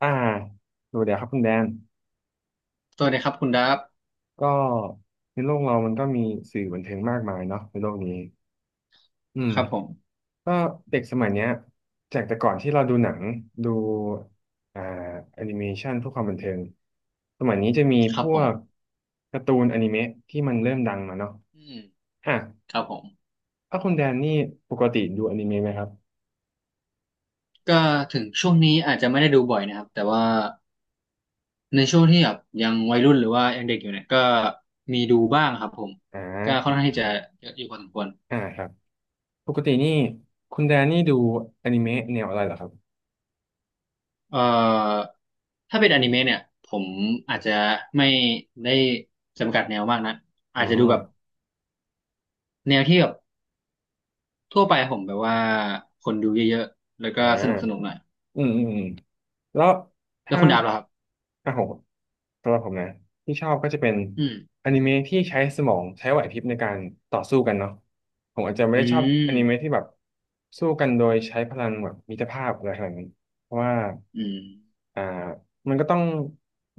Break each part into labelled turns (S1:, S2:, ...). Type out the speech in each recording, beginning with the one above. S1: อ่าดูเดี๋ยวครับคุณแดน
S2: สวัสดีครับคุณดับ
S1: ก็ในโลกเรามันก็มีสื่อบันเทิงมากมายเนาะในโลกนี้อืม
S2: ครับผม
S1: ก็เด็กสมัยเนี้ยจากแต่ก่อนที่เราดูหนังดูอ่าแอนิเมชันพวกความบันเทิงสมัยนี้จะมี
S2: ค
S1: พ
S2: รับ
S1: ว
S2: ผ
S1: ก
S2: ม
S1: การ์ตูนอนิเมะที่มันเริ่มดังมาเนาะ
S2: อืม
S1: อ่ะ
S2: ครับผม
S1: ถ้าคุณแดนนี่ปกติดูอนิเมะไหมครับ
S2: ก็ถึงช่วงนี้อาจจะไม่ได้ดูบ่อยนะครับแต่ว่าในช่วงที่แบบยังวัยรุ่นหรือว่ายังเด็กอยู่เนี่ยก็มีดูบ้างครับผม
S1: อ่
S2: ก็ค่
S1: า
S2: อนข้างที่จะเยอะอยู่พอสมควร
S1: อ่าครับปกตินี่คุณแดนนี่ดูอนิเมะแนวอะไรเหรอครับ
S2: เอ่อถ้าเป็นอนิเมะเนี่ยผมอาจจะไม่ได้จำกัดแนวมากนะ
S1: อื
S2: อาจจะดูแบบ
S1: ม
S2: แนวที่แบบทั่วไปครับผมแบบว่าคนดูเยอะๆแล้วก็
S1: อ่า
S2: สนุกสนุกหน่อย
S1: อืมอืมอืมแล้ว
S2: แล้ว
S1: ถ้า
S2: คุณดับล่ะครับ
S1: อ่ะผมสำหรับผมนะที่ชอบก็จะเป็น
S2: อืม
S1: อนิเมะที่ใช้สมองใช้ไหวพริบในการต่อสู้กันเนาะผมอาจจะไม่
S2: อื
S1: ได้ชอบอนิเมะที่
S2: ม
S1: แบบสู้กันโดยใช้พลังแบบมิตรภาพอะไรขนาดนั้นเพราะว่า
S2: อืม
S1: อ่ามันก็ต้อง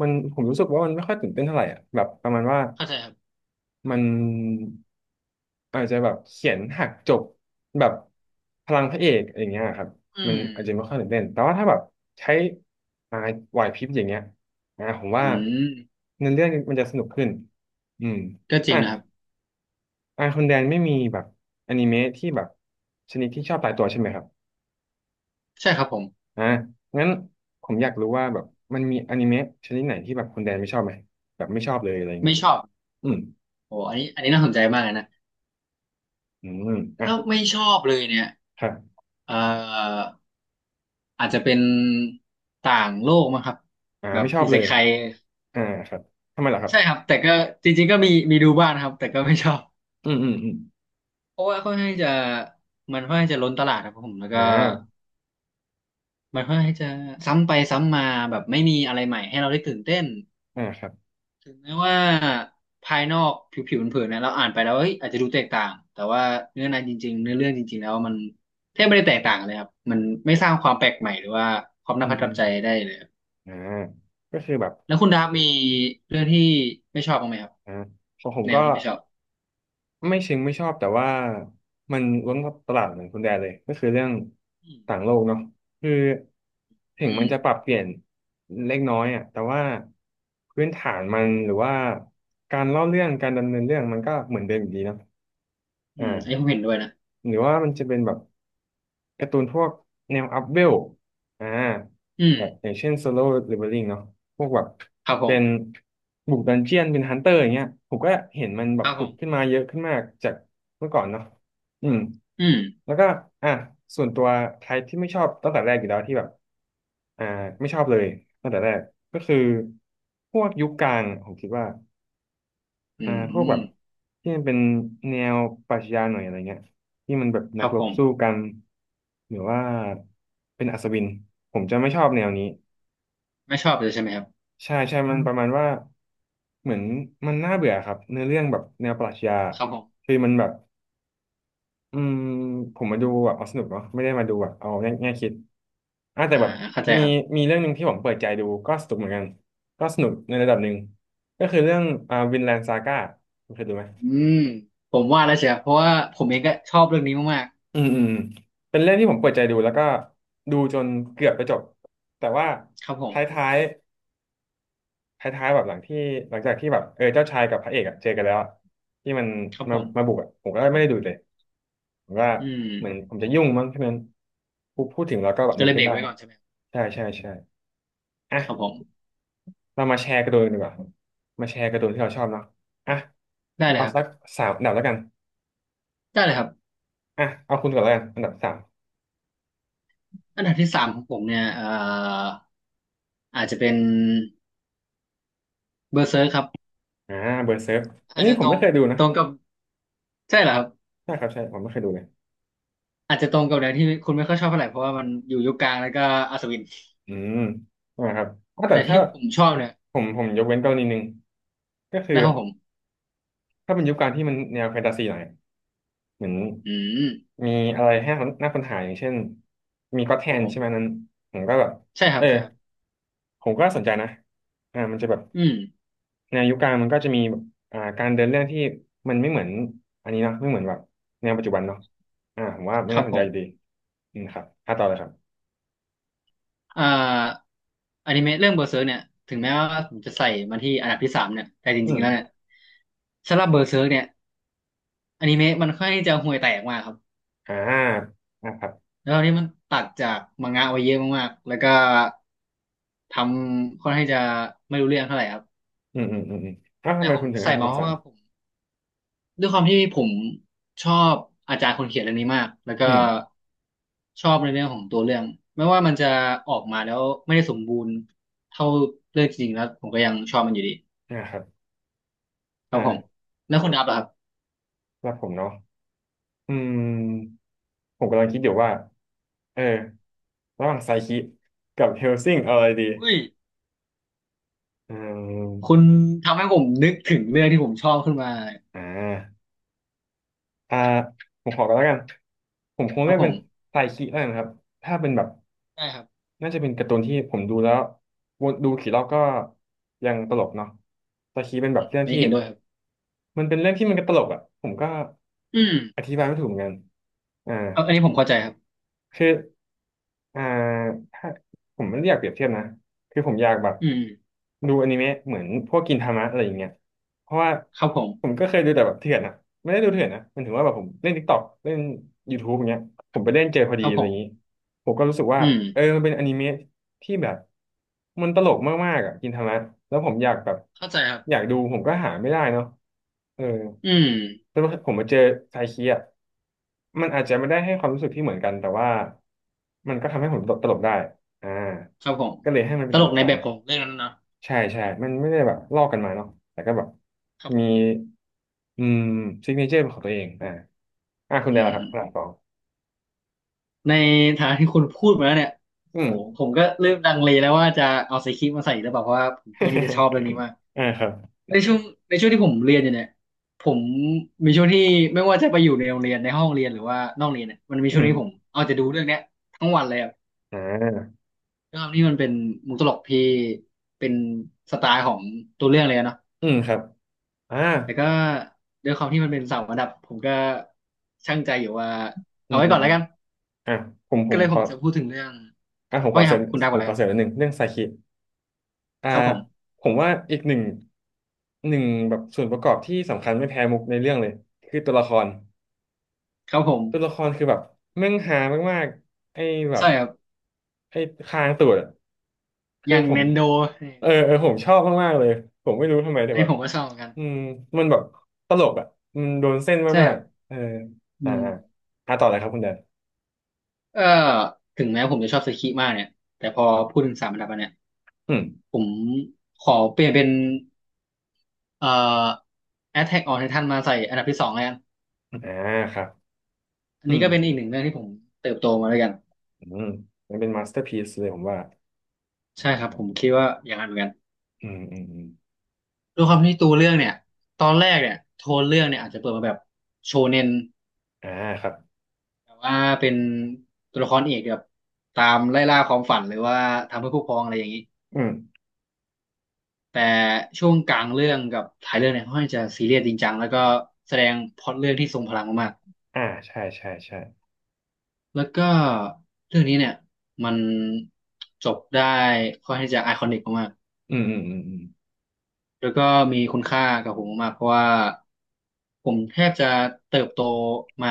S1: มันผมรู้สึกว่ามันไม่ค่อยตื่นเต้นเท่าไหร่อ่ะแบบประมาณว่า
S2: เข้าใจครับ
S1: มันอาจจะแบบเขียนหักจบแบบพลังพระเอกอย่างเงี้ยครับ
S2: อื
S1: มัน
S2: ม
S1: อาจจะไม่ค่อยตื่นเต้นแต่ว่าถ้าแบบใช้อ่าไหวพริบอย่างเงี้ยอ่าผม
S2: อื
S1: ว่า
S2: ม
S1: เนื้อเรื่องมันจะสนุกขึ้นอืม
S2: ก็จริ
S1: อ่ะ
S2: งนะครับ
S1: อ่าคนแดนไม่มีแบบอนิเมะที่แบบชนิดที่ชอบตายตัวใช่ไหมครับ
S2: ใช่ครับผม
S1: อ่างั้นผมอยากรู้ว่าแบบมันมีอนิเมะชนิดไหนที่แบบคณแดนไม่ชอบไหมแบบไม่ชอบเลยอะไรอย่าง
S2: ไม่
S1: งี้
S2: ชอบ
S1: อืม
S2: โอ้อันนี้อันนี้น่าสนใจมากเลยนะ
S1: อืมอ่ะ
S2: ถ้าไม่ชอบเลยเนี่ย
S1: ครับ
S2: เอ่ออาจจะเป็นต่างโลกมั้งครับ
S1: อ่า
S2: แบบ
S1: ไม่ชอบ
S2: อิ
S1: เล
S2: เซ
S1: ย
S2: ไค
S1: อ่าครับทำไมล่ะครับ
S2: ใช่ครับแต่ก็จริงๆก็มีมีดูบ้างนะครับแต่ก็ไม่ชอบ
S1: อืมอืมอืม
S2: เพราะว่าค่อนข้างจะมันค่อนข้างจะล้นตลาดครับผมแล้วก็
S1: อ่า
S2: มันค่อนข้างจะซ้ำไปซ้ำมาแบบไม่มีอะไรใหม่ให้เราได้ตื่นเต้น
S1: อ่าครับ
S2: ถึงแม้ว่าภายนอกผิวๆเผินๆนะเราอ่านไปแล้วเฮ้ยอาจจะดูแตกต่างแต่ว่าเนื้อในจริงๆเนื้อเรื่องจริงๆแล้วมันแทบไม่ได้แตกต่างเลยครับมันไม่สร้างความแปลกใหม่หรือว่าความ
S1: อื
S2: น่า
S1: ม
S2: ประ
S1: อื
S2: ทับ
S1: ม
S2: ใจได้เลยครับ
S1: อ่าก็คือแบบ
S2: แล้วคุณดาบมีเรื่องที่ไม่ชอบบ้างไหมครับ
S1: อ่าของผม
S2: แน
S1: ก็
S2: วที่ไม่ชอบ
S1: ไม่เชิงไม่ชอบแต่ว่ามันล้วนตลาดเหมือนคุณแดนเลยก็คือเรื่อง
S2: อืม
S1: ต่างโลกเนาะคือถึ
S2: อื
S1: งมั
S2: ม
S1: นจะปรับเปลี่ยนเล็กน้อยอ่ะแต่ว่าพื้นฐานมันหรือว่าการเล่าเรื่องการดำเนินเรื่องมันก็เหมือนเดิมอยู่ดีเนาะอ
S2: อืมอันนี้ผม
S1: ่า
S2: เห็นด้วยนะ
S1: หรือว่ามันจะเป็นแบบ การ์ตูนพวกแนวอัพเวลอ่า
S2: อืม
S1: แบบอย่างเช่นโซโล่เลเวลลิ่งเนาะพวกแบบ
S2: ครับผ
S1: เป็น
S2: ม
S1: บุกดันเจียนเป็นฮันเตอร์อย่างเงี้ยผมก็เห็นมันแบ
S2: ค
S1: บ
S2: รับผ
S1: ผุดขึ้น
S2: ม
S1: มาเยอะขึ้นมากจากเมื่อก่อนเนาะอืม
S2: อืม
S1: แล้วก็อ่ะส่วนตัวไทป์ที่ไม่ชอบตั้งแต่แรกอยู่แล้วที่แบบอ่าไม่ชอบเลยตั้งแต่แรกก็คือพวกยุคกลางผมคิดว่า
S2: อืม
S1: พ
S2: อื
S1: วก
S2: ม
S1: แบบที่มันเป็นแนวปรัชญาหน่อยอะไรเงี้ยที่มันแบบ
S2: ค
S1: นัก
S2: รับ
S1: ร
S2: ผ
S1: บ
S2: ม
S1: สู้กันหรือว่าเป็นอัศวินผมจะไม่ชอบแนวนี้
S2: ไม่ชอบเลยใช่ไหมครับ
S1: ใช่ใช่มันประมาณว่าเหมือนมันน่าเบื่อครับเนื้อเรื่องแบบแนวปรัชญา
S2: ครับผม
S1: คือมันแบบอืมผมมาดูแบบเอาสนุกเนาะไม่ได้มาดูแบบเอาแง่แง่คิดอ่ะแต่
S2: อ่า
S1: แบบ
S2: เข้าใจ
S1: มี
S2: ครับ
S1: มีเรื่องหนึ่งที่ผมเปิดใจดูก็สนุกเหมือนกันก็สนุกในระดับหนึ่งก็คือเรื่องวินแลนด์ซาก้าคุณเคยดูไหม
S2: อืมผมว่าแล้วเชียวเพราะว่าผมเองก็ชอบเรื่องนี้มาก
S1: อืมอืมเป็นเรื่องที่ผมเปิดใจดูแล้วก็ดูจนเกือบจะจบแต่ว่า
S2: ครับผ
S1: ท
S2: ม
S1: ้ายๆท้ายๆแบบหลังที่หลังจากที่แบบเออเจ้าชายกับพระเอกอะเจอกันแล้วอะที่มัน
S2: ครับ
S1: มา
S2: ผ
S1: มา
S2: ม
S1: บุกอะผมก็ไม่ได้ดูเลยผมว่า
S2: อืม
S1: เหมือนผมจะยุ่งมั้งที่มันพูดถึงแล้วก็แบบ
S2: ก็
S1: นึก
S2: เลย
S1: ขึ้
S2: เบร
S1: น
S2: ก
S1: ได้
S2: ไว้ก่
S1: เนาะ
S2: อนใช่ไหม
S1: ใช่ใช่ใช่อ่ะ
S2: ครับผม
S1: เรามาแชร์การ์ตูนกันดีกว่ามาแชร์การ์ตูนที่เราชอบเนาะอ่ะ
S2: ได้เลย
S1: เอา
S2: ครั
S1: สัก
S2: บ
S1: สามอันดับแล้วกัน
S2: ได้เลยครับ
S1: อ่ะเอาคุณก่อนแล้วกันอันดับสาม
S2: อันดับที่สามของผมเนี่ยอาจจะเป็นเบอร์เซอร์ครับ
S1: อ่าเบอร์เซิร์ฟอัน
S2: อาจ
S1: นี้
S2: จะ
S1: ผ
S2: ต
S1: ม
S2: ร
S1: ไม่
S2: ง
S1: เคยดูนะ
S2: ตรงกับใช่เหรอครับ
S1: ใช่ครับใช่ผมไม่เคยดูเลย
S2: อาจจะตรงกับแนวที่คุณไม่ค่อยชอบเท่าไหร่เพราะว่ามันอยู่ยุคกลางแล้วก็อัศวิน
S1: อืมนะครับอ้าวแต่
S2: แต่
S1: ถ้า
S2: ที่ผมชอบเนี่ย
S1: ผมยกเว้นกรณีหนึ่งก็คือ
S2: นะครับผม
S1: ถ้าเป็นยุคการที่มันแนวแฟนตาซีหน่อยเหมือน
S2: อืม
S1: มีอะไรให้คนน่าค้นหาอย่างเช่นมีก็อตแท
S2: ครับ
S1: น
S2: ผม
S1: ใช่ไหมนั้นผมก็แบบ
S2: ใช่ค
S1: เอ
S2: รับ
S1: อ
S2: ใช่ครับ
S1: ผมก็สนใจนะมันจะแบบ
S2: อืม
S1: แนวยุคกลางมันก็จะมีแบบการเดินเรื่องที่มันไม่เหมือนอันนี้เนาะไม่เหมือนแบบแนวปัจจุบันเนาะอ่าผมว่ามั
S2: ค
S1: น
S2: รั
S1: น่า
S2: บ
S1: สน
S2: ผ
S1: ใจ
S2: ม
S1: อยู่ดีอืมครับถ้าต่อเลยครับ
S2: เอ่ออนิเมะเรื่องเบอร์เซอร์เนี่ยถึงแม้ว่าผมจะใส่มาที่อันดับที่สามเนี่ยแต่จ
S1: อื
S2: ริง
S1: ม
S2: ๆแล้วเนี่ยสำหรับเบอร์เซอร์เนี่ย อนิเมะมันค่อนข้างที่จะห่วยแตกมากครับ
S1: อ่าอ่าครับ
S2: แล้วตอนนี้มันตัดจากมังงะไว้เยอะมากๆแล้วก็ทำค่อนข้างที่จะไม่รู้เรื่องเท่าไหร่ครับ
S1: อืมอืมอืมอืมแล้วทำ
S2: แต่
S1: ไม
S2: ผ
S1: คุ
S2: ม
S1: ณถึง
S2: ใส่
S1: ให้คำ
S2: มา
S1: ตอบ
S2: เพราะ
S1: สาม
S2: ว่าผมด้วยความที่ผมชอบอาจารย์คนเขียนเรื่องนี้มากแล้วก็
S1: อืม
S2: ชอบในเรื่องของตัวเรื่องไม่ว่ามันจะออกมาแล้วไม่ได้สมบูรณ์เท่าเรื่องจริงแล้วผมก็ยังชอบมันอยู่ดี
S1: นะครับ
S2: ครับผม
S1: อ่า
S2: แล้วคุณอับล่ะครับ
S1: แล้วผมเนาะอืมผมกำลังคิดอยู่ว่าเออระหว่างไซคิกับเฮลซิงเอาอะไรดี
S2: อุ้ย
S1: อื
S2: คุณ
S1: ม
S2: ทำให้ผมนึกถึงเรื่องที่ผมชอบขึ้นมา
S1: อ่าอ่าผมขอกันแล้วกัน ผมคง
S2: ครั
S1: เลื
S2: บ
S1: อก
S2: ผ
S1: เป็น
S2: ม
S1: ไซคิแล้วกันครับถ้าเป็นแบบ
S2: ได้ครับ
S1: น่าจะเป็นการ์ตูนที่ผมดูแล้ววนดูกี่รอบก็ยังตลกเนาะไซคิเป็นแบบเรื่อง
S2: อันนี้
S1: ที่
S2: เห็นด้วยครับ
S1: มันเป็นเรื่องที่มันก็ตลกอ่ะผมก็
S2: อืม
S1: อธิบายไม่ถูกเหมือนกันอ่า
S2: เอออันนี้ผมเข้าใจครับ
S1: คือ อ่าถ้าผมไม่ได้อยากเปรียบเทียบนะคือผมอยากแบบ
S2: อืม
S1: ดูอนิเมะเหมือนพวกกินทามะอะไรอย่างเงี้ยเพราะว่า
S2: ครับผม
S1: ผมก็เคยดูแต่แบบเถื่อนนะไม่ได้ดูเถื่อนนะมันถึงว่าแบบผมเล่น TikTok เล่น YouTube อย่างเงี้ยผมไปเล่นเจอพอ
S2: ค
S1: ดี
S2: รับ
S1: อะ
S2: ผ
S1: ไรอ
S2: ม
S1: ย่างงี้ผมก็รู้สึกว่า
S2: อืม
S1: เออมันเป็นอนิเมะที่แบบมันตลกมากๆอ่ะกินทามะแล้วผมอยากแบบ
S2: เข้าใจครับ
S1: อยากดูผมก็หาไม่ได้เนาะเออ
S2: อืม
S1: แล้วผมมาเจอไซคิอีมันอาจจะไม่ได้ให้ความรู้สึกที่เหมือนกันแต่ว่ามันก็ทำให้ผมตลกตลกได้อ่า
S2: ครับผม
S1: ก็เลยให้มันเป็
S2: ต
S1: นอั
S2: ล
S1: น
S2: ก
S1: ดับ
S2: ใน
S1: สา
S2: แบ
S1: ม
S2: บของเรื่องนั้นนะ
S1: ใช่ใช่ มันไม่ได้แบบลอกกันมาเนาะแต่ก็แบบ
S2: ครับผ
S1: มี
S2: ม
S1: อืมซิกเนเจอร์เป็นของตัวเองอ่าคุณ
S2: อื
S1: ได้ละ
S2: ม
S1: ครับหลังสอง
S2: ในฐานะที่คุณพูดมาแล้วเนี่ย
S1: อื
S2: โห
S1: ม
S2: ผมก็เริ่มลังเลแล้วว่าจะเอาไซคิมาใส่หรือเปล่าเพราะว่าผมค่อนข้างที่จะชอบเรื่องนี้มาก
S1: อ่าครับ
S2: ในช่วงในช่วงที่ผมเรียนอยู่เนี่ยผมมีช่วงที่ไม่ว่าจะไปอยู่ในโรงเรียนในห้องเรียนหรือว่านอกเรียนเนี่ยมันมี
S1: อื
S2: ช่วง
S1: ม
S2: ที่ผมเอาจะดูเรื่องเนี้ยทั้งวันเลยครับ
S1: อ่า
S2: ด้วยความที่มันเป็นมุกตลกที่เป็นสไตล์ของตัวเรื่องเลยอะเนาะ
S1: อืมครับอ่า
S2: แต่ก็ด้วยความที่มันเป็นเสารระดับผมก็ช่างใจอยู่ว่า
S1: อื
S2: เอา
S1: ม
S2: ไว้
S1: อื
S2: ก่
S1: ม
S2: อน
S1: อื
S2: แล้ว
S1: ม
S2: กัน
S1: อ่าผมผ
S2: ก็
S1: ม
S2: เลย
S1: ข
S2: ผ
S1: อ
S2: มจะพูดถึงเรื่อง
S1: ผม
S2: ว่า
S1: ขอ
S2: ไง
S1: เส
S2: ค
S1: ริ
S2: รั
S1: ม
S2: บคุณดาว
S1: ผ
S2: ก่อน
S1: ม
S2: แล้
S1: ข
S2: ว
S1: อ
S2: กัน
S1: เสริมนิดนึงเรื่องไซคิ อ่า
S2: ครับผม
S1: ผมว่าอีกหนึ่งแบบส่วนประกอบที่สำคัญไม่แพ้มุกในเรื่องเลยคือตัวละคร
S2: ครับผม
S1: ตัวละครคือแบบแม่งฮามากๆไอ้แบบ
S2: ใช่ครับ
S1: ไอ้คางตูดอะ
S2: อ
S1: คือ
S2: ย่าง
S1: ผ
S2: เน
S1: ม
S2: นโดนี่
S1: เออเออผมชอบมากๆเลยผมไม่รู้ทำไมแต่แบบ
S2: ผมก็ชอบเหมือนกัน
S1: อืมมันแบบตลกอ่ะมันโดนเส้น
S2: ใช่ค
S1: มา
S2: รั
S1: ก
S2: บ
S1: ๆเออ
S2: อื
S1: อ่า
S2: ม
S1: อ่าต่อเลยครับคุณแดน
S2: เออถึงแม้ผมจะชอบสคิมากเนี่ยแต่พอพูดถึงสามอันดับอันเนี่ย
S1: อืม
S2: ผมขอเปลี่ยนเป็นเอ่อ Attack on Titan มาใส่อันดับที่สองแล้วกัน
S1: อ่าครับ
S2: อัน
S1: อื
S2: นี้
S1: ม
S2: ก็เป็นอีกหนึ่งเรื่องที่ผมเติบโตมาด้วยกัน
S1: อืมมันเป็นมาสเตอร์พีซเลยผมว่า
S2: ใช่
S1: นะ
S2: ครับ
S1: ครั
S2: ผ
S1: บ
S2: มคิดว่าอย่างนั้นเหมือนกัน
S1: อืมอืมอืม
S2: ด้วยความที่ตัวเรื่องเนี่ยตอนแรกเนี่ยโทนเรื่องเนี่ยอาจจะเปิดมาแบบโชเน็น
S1: อ่าครับ
S2: แต่ว่าเป็นตัวละครเอกแบบตามไล่ล่าความฝันหรือว่าทำเพื่อผู้พรองอะไรอย่างนี้
S1: อืม
S2: แต่ช่วงกลางเรื่องกับท้ายเรื่องเนี่ยค่อนข้างจะซีเรียสจริงจังแล้วก็แสดงพล็อตเรื่องที่ทรงพลังมาก
S1: อ่าใช่ใช่ใช่
S2: ๆแล้วก็เรื่องนี้เนี่ยมันจบได้ค่อนข้างที่จะไอคอนิกมากๆ
S1: อืมอืมอืมอื
S2: แล้วก็มีคุณค่ากับผมมากเพราะว่าผมแทบจะเติบโตมา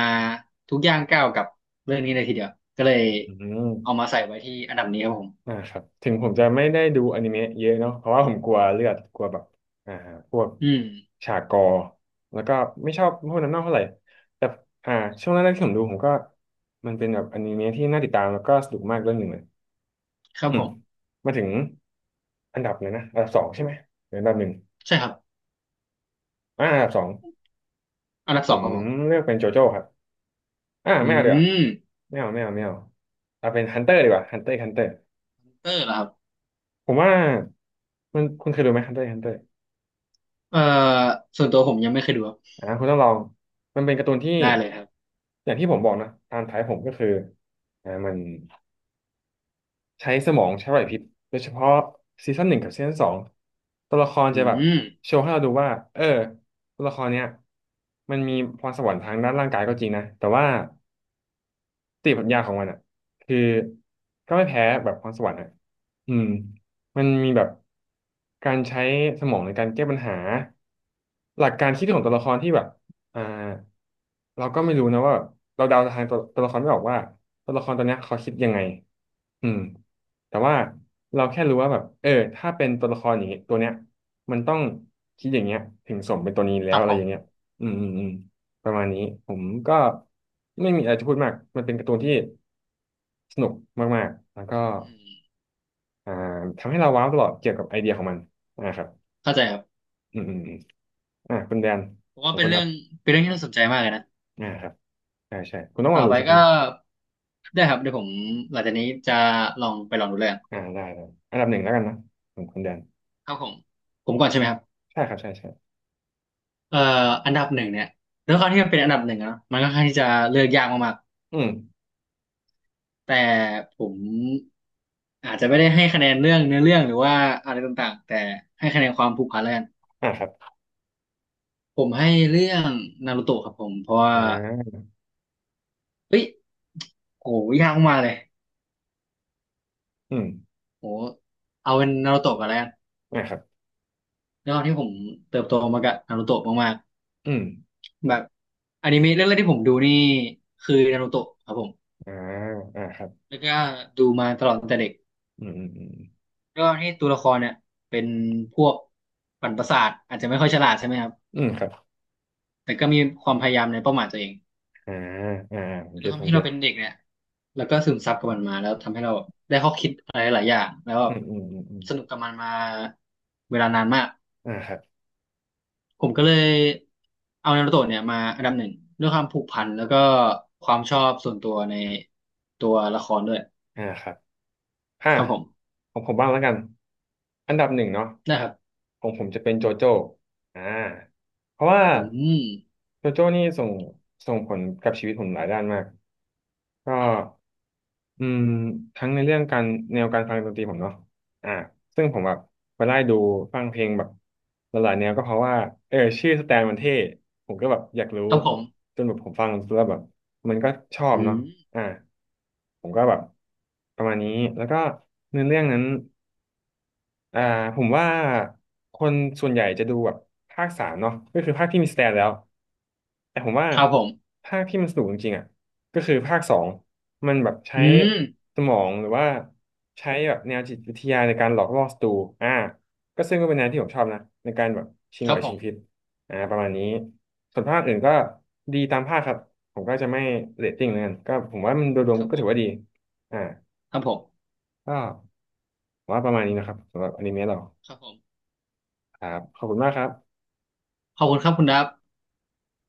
S2: ทุกย่างก้าวกับเรื่องนี้เลยทีเดียวก็เลย
S1: มอืม
S2: เอามาใส่ไว้ที่อันดับนี้ครับผม
S1: ครับถึงผมจะไม่ได้ดูอนิเมะเยอะเนาะเพราะว่าผมกลัวเลือดกลัวแบบอ่าพวก
S2: อืม
S1: ฉากกอแล้วก็ไม่ชอบพวกนั้นมากเท่าไหร่แต่อ่าช่วงแรกๆที่ผมดูผมก็มันเป็นแบบอนิเมะที่น่าติดตามแล้วก็สนุกมากเรื่องหนึ่งเลย
S2: ครั
S1: อื
S2: บผ
S1: ม
S2: ม
S1: มาถึงอันดับเลยนะอันดับสองใช่ไหมหรืออันดับหนึ่ง
S2: ใช่ครับ
S1: อันดับสอง
S2: อันดับ
S1: ผ
S2: สอง
S1: ม
S2: ครับผม
S1: เลือกเป็นโจโจ้ครับ
S2: อื
S1: ไม่เอาเดี๋ยวา
S2: ม
S1: ไม่เอาไม่เอาไม่เอาเอาเป็นฮันเตอร์ดีกว่าฮันเตอร์ฮันเตอร์
S2: เตอร์เหรอครับ
S1: ผมว่ามันคุณเคยดูไหมฮันเตอร์ฮันเตอร์
S2: เอ่อส่วนตัวผมยังไม่เคยดูครับ
S1: คุณต้องลองมันเป็นการ์ตูนที่
S2: ได้เลยครับ
S1: อย่างที่ผมบอกนะตามท้ายผมก็คือมันใช้สมองใช้ไหวพริบโดยเฉพาะซีซั่นหนึ่งกับซีซั่นสองตัวละคร
S2: อื
S1: จะแบบ
S2: ม
S1: โชว์ให้เราดูว่าเออตัวละครเนี้ยมันมีพรสวรรค์ทางด้านร่างกายก็จริงนะแต่ว่า สติปัญญาของมันอ่ะคือก็ไม่แพ้แบบพรสวรรค์อ่ะอืมมันมีแบบการใช้สมองในการแก้ปัญหาหลักการคิดของตัวละครที่แบบอ่าเราก็ไม่รู้นะว่าเราเดาทางตัวละครไม่ออกว่าตัวละครตัวเนี้ยเขาคิดยังไงอืมแต่ว่าเราแค่รู้ว่าแบบเออถ้าเป็นตัวละครอย่างเงี้ยตัวเนี้ยมันต้องคิดอย่างเงี้ยถึงสมเป็นตัวนี้แล้
S2: ค
S1: ว
S2: รับ
S1: อะไร
S2: ผ
S1: อ
S2: ม
S1: ย่างเงี้ยอืมอืมอืม ประมาณนี้ผมก็ไม่มีอะไรจะพูดมากมันเป็นการ์ตูนที่สนุกมากๆแล้วก็
S2: อืม
S1: อ่าทำให้เราว้าวตลอดเกี่ยวกับไอเดียของมันอ่าครับ
S2: เข้าใจครับ
S1: อืมอืมอมคุณแดน
S2: ผม
S1: ข
S2: ว่า
S1: อง
S2: เป็
S1: คุ
S2: น
S1: ณค
S2: เรื่อ
S1: รั
S2: ง
S1: บ
S2: เป็นเรื่องที่น่าสนใจมากเลยนะ
S1: อ่าครับใช่ใช่คุณต้องล
S2: ต่
S1: อ
S2: อ
S1: งดู
S2: ไป
S1: สักค
S2: ก็
S1: รั้ง
S2: ได้ครับเดี๋ยวผมหลังจากนี้จะลองไปลองดูเรื
S1: ได้ได้อันดับหนึ่งแล้วกันนะของคุณแดน
S2: ครับผมผมก่อนใช่ไหมครับ
S1: ใช่ครับใช่ใช่
S2: เอ่ออันดับหนึ่งเนี่ยด้วยความที่มันเป็นอันดับหนึ่งอะเนาะมันก็ค่อนข้างที่จะเลือกยากมาก
S1: อืม
S2: ๆแต่ผมอาจจะไม่ได้ให้คะแนนเรื่องเนื้อเรื่องหรือว่าอะไรต่างๆแต่ให้คะแนนความผูกพันแล้วกัน
S1: ครับ
S2: ผมให้เรื่องนารูโตะครับผมเพราะว่า
S1: อ่า
S2: เฮ้ยโหยากมากเลย
S1: อืม
S2: โหเอาเป็นนารูโตะกันแล้วกัน
S1: ครับ
S2: ด้วยความที่ผมเติบโตมากับนารูโตะมาก
S1: อืม
S2: ๆแบบอนิเมะเรื่องแรกที่ผมดูนี่คือนารูโตะครับผม
S1: อ่าครับ
S2: แล้วก็ดูมาตลอดตั้งแต่เด็ก
S1: อืมอืมอืม
S2: ด้วยความที่ตัวละครเนี่ยเป็นพวกปั่นประสาทอาจจะไม่ค่อยฉลาดใช่ไหมครับ
S1: อืมครับ
S2: แต่ก็มีความพยายามในเป้าหมายตัวเอง
S1: อ่าอ่าผ
S2: แล้
S1: ม
S2: วด้ว
S1: เก็
S2: ย
S1: ต
S2: ควา
S1: ผ
S2: ม
S1: ม
S2: ที่
S1: เก็
S2: เรา
S1: ต
S2: เป็นเด็กเนี่ยแล้วก็ซึมซับกับมันมาแล้วทำให้เราได้ข้อคิดอะไรหลายอย่างแล้วแบ
S1: อื
S2: บ
S1: มอืมอืมอืม
S2: สนุกกับมันมาเวลานานมาก
S1: อ่าครับ
S2: ผมก็เลยเอานารูโตะเนี่ยมาอันดับหนึ่งด้วยความผูกพันแล้วก็ความชอบส่วนตัวในตัวละครด้วย
S1: อ่าครับ อ่ะ
S2: ครับผม
S1: ของผมบ้างแล้วกันอันดับหนึ่งเนาะ
S2: นะครับ
S1: ของผมจะเป็นโจโจ้อ่าเพราะว่า
S2: อืม
S1: โจโจ้นี่ส่งผลกับชีวิตผมหลายด้านมากก็อืมทั้งในเรื่องการแนวการฟังดนตรีผมเนาะอ่าซึ่งผมแบบไปไล่ดูฟังเพลงแบบหลายๆแนวก็เพราะว่าเออชื่อสแตนมันเท่ผมก็แบบอยากรู้
S2: ครับผม
S1: จนแบบผมฟังแล้วแบบมันก็ชอบ
S2: อื
S1: เนาะ
S2: ม
S1: อ่าผมก็แบบประมาณนี้แล้วก็เนื้อเรื่องนั้น อ่าผมว่าคนส่วนใหญ่จะดูแบบภาคสามเนาะก็คือภาคที่มีสแตนแล้วแต่ผมว่า
S2: ครับผม
S1: ภาคที่มันสนุกจริงๆอ่ะก็คือภาคสองมันแบบใช้
S2: อืม
S1: สมองหรือว่าใช้แบบแนวจิตวิทยาในการหลอกล่อศัตรูอ่าก็ซึ่งก็เป็นแนวที่ผมชอบนะในการแบบชิง
S2: ค
S1: ไหว
S2: รับผ
S1: ชิง
S2: ม
S1: พริบประมาณนี้ส่วนภาคอื่นก็ดีตามภาคครับผมก็จะไม่เรตติ้งเหมลอนกันก็ผมว่ามันโดยรวม
S2: ครับ
S1: ก็
S2: ผ
S1: ถือว่าดี
S2: ม
S1: อ่า
S2: ครับผม
S1: ก็ผมว่าประมาณนี้นะครับสำหรับอนิเมะเรา
S2: ครับผม
S1: ครับขอบคุณมากครับ
S2: ขอบคุณครับคุณดับ